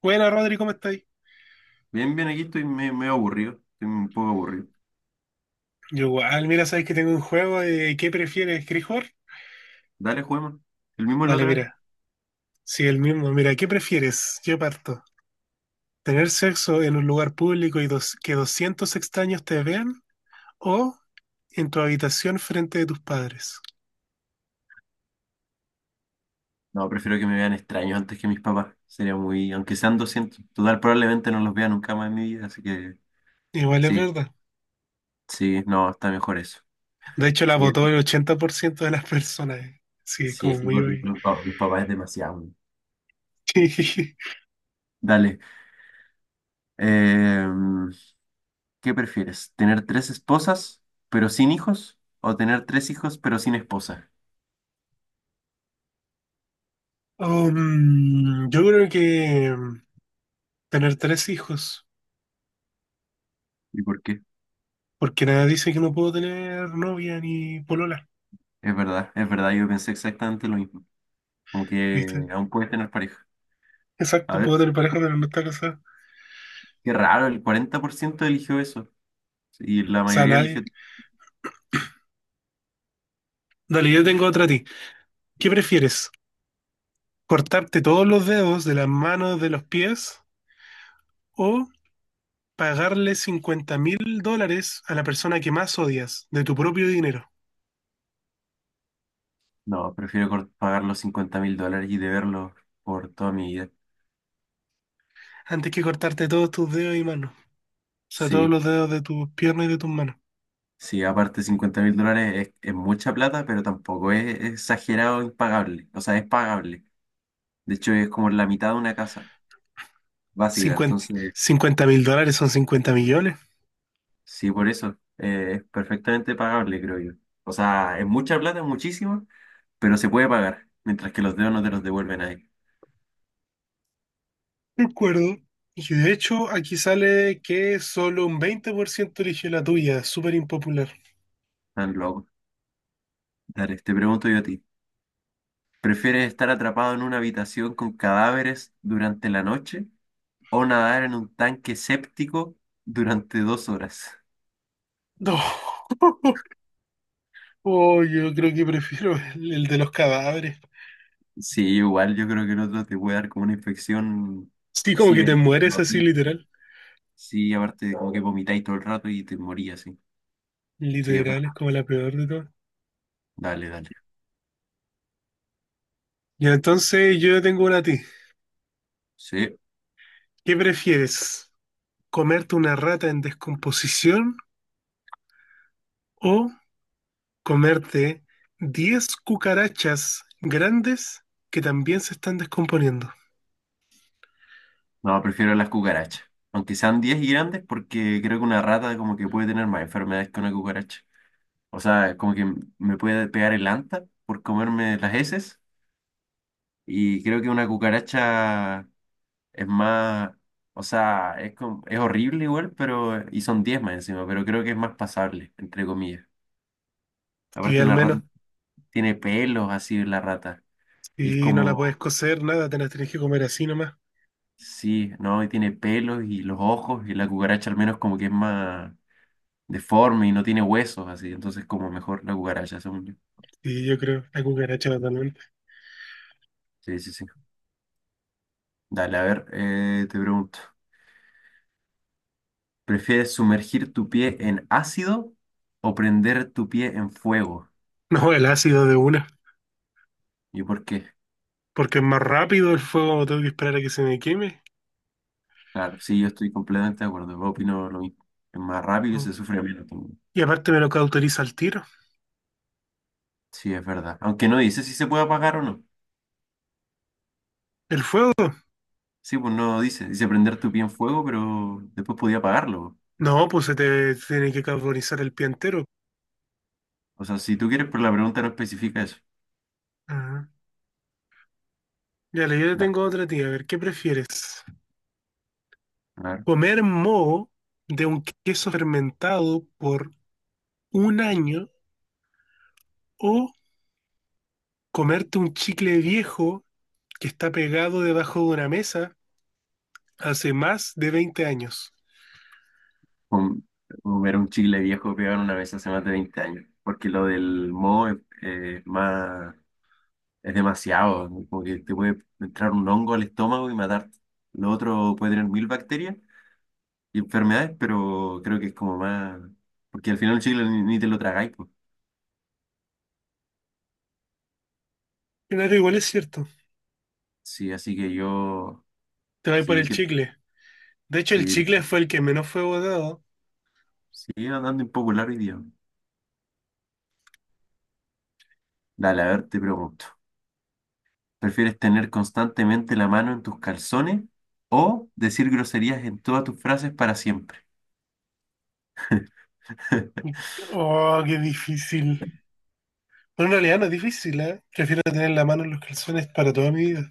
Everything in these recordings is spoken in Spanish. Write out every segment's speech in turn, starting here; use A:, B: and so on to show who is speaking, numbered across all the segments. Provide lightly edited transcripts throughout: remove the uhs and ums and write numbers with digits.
A: Buena, Rodri, ¿cómo estáis?
B: Bien, bien, aquí estoy medio aburrido. Estoy un poco aburrido.
A: Yo igual, mira, sabes que tengo un juego de ¿qué prefieres? ¿Querés jugar?
B: Dale, juguemos. ¿El mismo de la
A: Vale,
B: otra vez?
A: mira, sí, el mismo. Mira, ¿qué prefieres? Yo parto. ¿Tener sexo en un lugar público y 200 extraños te vean? ¿O en tu habitación frente de tus padres?
B: No, prefiero que me vean extraño antes que mis papás. Sería muy. Aunque sean 200. Total, probablemente no los vea nunca más en mi vida, así que.
A: Igual es
B: Sí,
A: verdad.
B: sí, no, está mejor eso.
A: De hecho, la
B: Sí,
A: votó el 80% de las personas. Sí, es
B: sí,
A: como
B: es que
A: muy...
B: con los, los papás es demasiado. Dale. eh, ¿Qué prefieres? ¿Tener tres esposas, pero sin hijos? ¿O tener tres hijos, pero sin esposa?
A: Yo creo que tener tres hijos,
B: ¿Y por qué?
A: porque nada dice que no puedo tener novia ni polola,
B: Es verdad, yo pensé exactamente lo mismo. Aunque
A: ¿viste?
B: aún puedes tener pareja. A
A: Exacto,
B: ver.
A: puedo tener pareja, pero no está casada.
B: Qué raro, el 40% eligió eso. Y
A: O
B: la
A: sea,
B: mayoría
A: nadie.
B: eligió.
A: Dale, yo tengo otra a ti. ¿Qué prefieres? ¿Cortarte todos los dedos de las manos, de los pies? ¿O pagarle $50.000 a la persona que más odias de tu propio dinero?
B: No, prefiero pagar los 50 mil dólares y deberlos por toda mi vida.
A: Antes que cortarte todos tus dedos y manos. O sea, todos
B: Sí,
A: los dedos de tus piernas y de tus manos.
B: sí, aparte 50 mil dólares es mucha plata, pero tampoco es exagerado impagable. O sea, es pagable. De hecho, es como la mitad de una casa básica. Entonces,
A: $50.000 son 50 millones.
B: sí, por eso es perfectamente pagable, creo yo. O sea, es mucha plata, muchísimo, pero se puede pagar. Mientras que los dedos no te los devuelven ahí.
A: De acuerdo. Y de hecho, aquí sale que solo un 20% eligió la tuya. Súper impopular.
B: Tan loco. Dale, te pregunto yo a ti. ¿Prefieres estar atrapado en una habitación con cadáveres durante la noche o nadar en un tanque séptico durante 2 horas?
A: No. Oh, yo creo que prefiero el de los cadáveres.
B: Sí, igual yo creo que el otro te puede dar como una infección
A: Sí, como
B: así
A: que te
B: benigna
A: mueres
B: a
A: así,
B: ti.
A: literal.
B: Sí, aparte como que vomitáis todo el rato y te morías, sí. Sí, es
A: Literal, es
B: verdad.
A: como la peor de todas.
B: Dale, dale.
A: Y entonces yo tengo una a ti.
B: Sí.
A: ¿Qué prefieres? ¿Comerte una rata en descomposición o comerte 10 cucarachas grandes que también se están descomponiendo?
B: No, prefiero las cucarachas. Aunque sean 10 y grandes, porque creo que una rata como que puede tener más enfermedades que una cucaracha. O sea, como que me puede pegar el anta por comerme las heces. Y creo que una cucaracha es más, o sea, es, es horrible igual, pero, y son 10 más encima, pero creo que es más pasable, entre comillas.
A: Y
B: Aparte
A: al
B: una rata
A: menos,
B: tiene pelos así la rata. Y es
A: si no la puedes
B: como,
A: cocer, nada, te las tienes que comer así nomás.
B: sí, ¿no? Y tiene pelos y los ojos, y la cucaracha al menos como que es más deforme y no tiene huesos así, entonces como mejor la cucaracha, según yo.
A: Y yo creo, la cucaracha totalmente.
B: Sí, sí, sí. Dale, a ver, te pregunto, ¿prefieres sumergir tu pie en ácido o prender tu pie en fuego?
A: No, el ácido de una.
B: ¿Y por qué?
A: Porque es más rápido el fuego, tengo que esperar a que se me queme.
B: Claro, sí, yo estoy completamente de acuerdo. Yo opino lo mismo. Es más rápido y
A: Oh.
B: se sufre menos también.
A: Y aparte me lo cauteriza el tiro.
B: Sí, es verdad. Aunque no dice si se puede apagar o no.
A: ¿El fuego?
B: Sí, pues no dice. Dice prender tu pie en fuego, pero después podía apagarlo.
A: No, pues se te tiene que cauterizar el pie entero.
B: O sea, si tú quieres, pero la pregunta no especifica eso.
A: Ajá. Ya le yo te
B: Ya,
A: tengo otra tía. A ver, ¿qué prefieres?
B: claro.
A: ¿Comer moho de un queso fermentado por un año o comerte un chicle viejo que está pegado debajo de una mesa hace más de 20 años?
B: Com- Comer un chile viejo pegado una vez hace más de 20 años. Porque lo del moho es más, es demasiado. ¿No? Como que te puede entrar un hongo al estómago y matarte. Lo otro puede tener mil bacterias y enfermedades, pero creo que es como más, porque al final el chicle ni te lo tragáis, pues.
A: Claro, igual es cierto.
B: Sí, así que yo,
A: Te vas por
B: sí,
A: el
B: que,
A: chicle. De hecho, el
B: sí,
A: chicle fue el que menos fue votado.
B: sí, andando impopular hoy día. Dale, a ver, te pregunto, ¿prefieres tener constantemente la mano en tus calzones o decir groserías en todas tus frases para siempre?
A: Oh, qué difícil. Pero en realidad no es difícil, ¿eh? Prefiero tener la mano en los calzones para toda mi vida.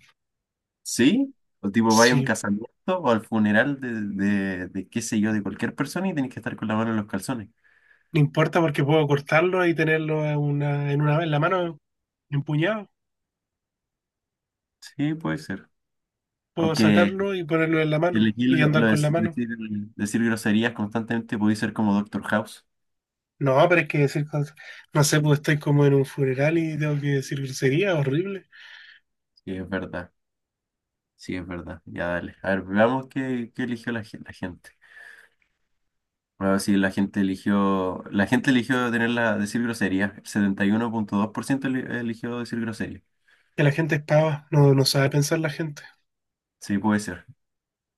B: ¿Sí? O tipo, vaya a un
A: Sí,
B: casamiento o al funeral de qué sé yo, de cualquier persona y tenés que estar con la mano en los calzones.
A: no importa porque puedo cortarlo y tenerlo en la mano, empuñado.
B: Sí, puede ser.
A: Puedo
B: Aunque
A: sacarlo y ponerlo en la
B: y
A: mano
B: elegir
A: y
B: lo,
A: andar
B: lo de
A: con la mano.
B: decir groserías constantemente puede ser como Doctor House.
A: No, pero es que decir cosas. No sé, pues estoy como en un funeral y tengo que decir grosería, horrible.
B: Sí, es verdad. Sí, es verdad. Ya dale. A ver, veamos qué eligió la gente. Bueno, sí, la gente eligió. La gente eligió tener decir groserías. El 71.2% eligió decir groserías.
A: Que la gente es pava, no, no sabe pensar la gente.
B: Sí, puede ser.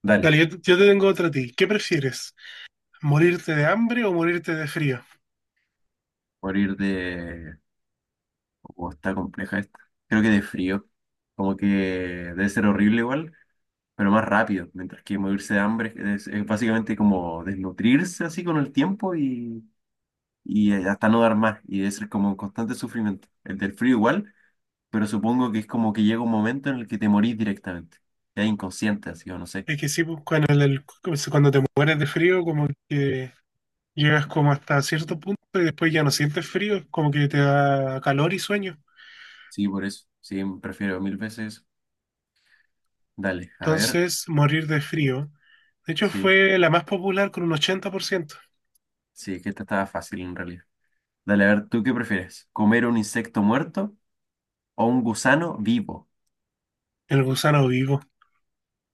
B: Dale.
A: Dale, yo te tengo otra a ti. ¿Qué prefieres? ¿Morirte de hambre o morirte de frío?
B: Por ir de. Oh, está compleja esta. Creo que de frío. Como que debe ser horrible igual. Pero más rápido, mientras que morirse de hambre es básicamente como desnutrirse así con el tiempo y hasta no dar más, y es como un constante sufrimiento. El del frío igual, pero supongo que es como que llega un momento en el que te morís directamente, ya inconsciente así o no sé.
A: Es que sí, pues cuando, cuando te mueres de frío, como que llegas como hasta cierto punto y después ya no sientes frío, es como que te da calor y sueño.
B: Sí, por eso, sí, prefiero mil veces eso. Dale, a ver,
A: Entonces, morir de frío. De hecho,
B: sí,
A: fue la más popular con un 80%.
B: sí, que esta estaba fácil en realidad. Dale, a ver, ¿tú qué prefieres? ¿Comer un insecto muerto o un gusano vivo?
A: El gusano vivo.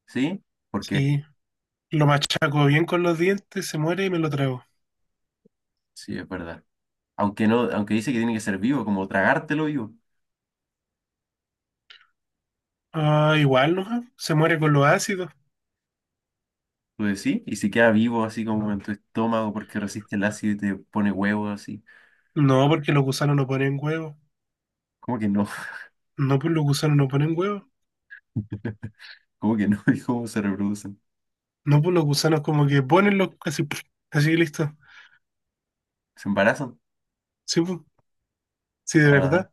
B: ¿Sí? ¿Por qué?
A: Sí, lo machaco bien con los dientes, se muere y me lo trago.
B: Sí, es verdad. Aunque no, aunque dice que tiene que ser vivo, como tragártelo vivo.
A: Ah, igual, ¿no? Se muere con los ácidos.
B: Tú decís, y si queda vivo así como en tu estómago porque resiste el ácido y te pone huevos así.
A: No, porque los gusanos no ponen huevos.
B: ¿Cómo que no?
A: No, pues los gusanos no ponen huevos.
B: ¿Cómo que no? ¿Y cómo se reproducen?
A: No, pues los gusanos como que ponen los... Así, así listo.
B: ¿Se embarazan?
A: Sí, pues, sí, de
B: Ah,
A: verdad.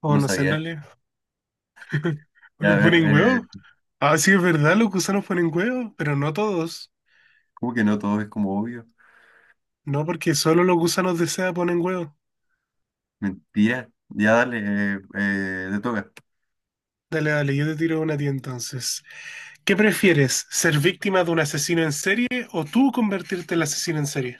A: O
B: no
A: no sé, en
B: sabía eso.
A: realidad.
B: Ya, a ver,
A: ¿Ponen huevos? Ah, sí, es verdad, los gusanos ponen huevos, pero no todos.
B: ¿cómo que no? Todo es como obvio.
A: No, porque solo los gusanos de seda ponen huevos.
B: Mentira. Ya dale, te toca.
A: Dale, dale, yo te tiro una a ti entonces. ¿Qué prefieres, ser víctima de un asesino en serie o tú convertirte en el asesino en serie?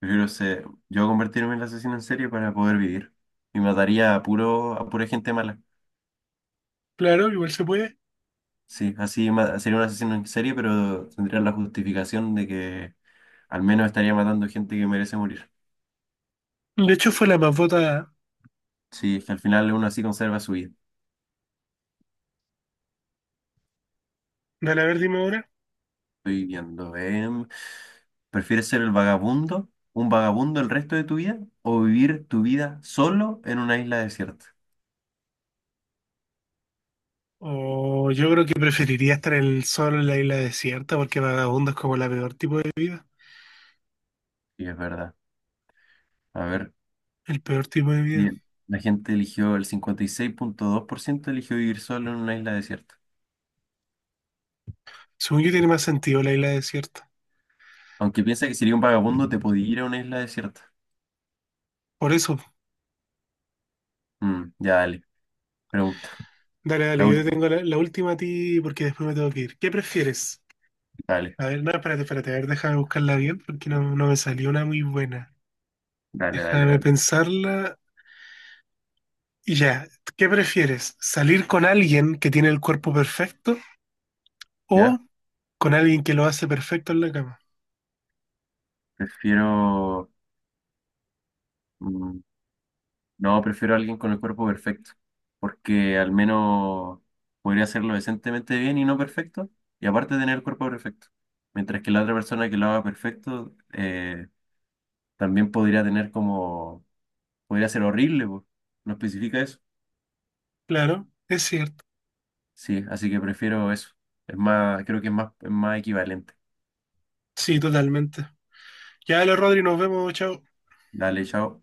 B: Prefiero ser, yo convertirme en asesino en serie para poder vivir. Y mataría a puro, a pura gente mala.
A: Claro, igual se puede.
B: Sí, así sería un asesino en serie, pero tendría la justificación de que al menos estaría matando gente que merece morir.
A: De hecho, fue la más votada.
B: Sí, es que al final uno así conserva su vida.
A: Dale, a ver, dime ahora.
B: Estoy viendo, ¿prefieres ser el vagabundo, un vagabundo el resto de tu vida, o vivir tu vida solo en una isla desierta?
A: O yo creo que preferiría estar en el sol en la isla desierta porque vagabundo es como la peor tipo de vida.
B: Sí, es verdad. A ver,
A: El peor tipo de vida.
B: bien. La gente eligió, el 56.2% eligió vivir solo en una isla desierta.
A: Según yo tiene más sentido la isla desierta.
B: Aunque piensa que sería un vagabundo, te podía ir a una isla desierta.
A: Por eso,
B: Mm, ya dale, pregunta.
A: dale, dale,
B: La
A: yo
B: última,
A: tengo la última a ti porque después me tengo que ir. ¿Qué prefieres?
B: dale.
A: A ver, no, espérate, espérate, a ver, déjame buscarla bien porque no, no me salió una muy buena.
B: Dale, dale,
A: Déjame
B: dale.
A: pensarla. Y ya, ¿qué prefieres? ¿Salir con alguien que tiene el cuerpo perfecto o
B: ¿Ya?
A: con alguien que lo hace perfecto en la cama?
B: Prefiero... mm, no, prefiero a alguien con el cuerpo perfecto, porque al menos podría hacerlo decentemente bien y no perfecto, y aparte tener el cuerpo perfecto. Mientras que la otra persona que lo haga perfecto, también podría tener como... Podría ser horrible, po. No especifica eso.
A: Claro, es cierto.
B: Sí, así que prefiero eso. Es más, creo que es más equivalente.
A: Sí, totalmente. Ya, lo Rodri, nos vemos, chao.
B: Dale, chao.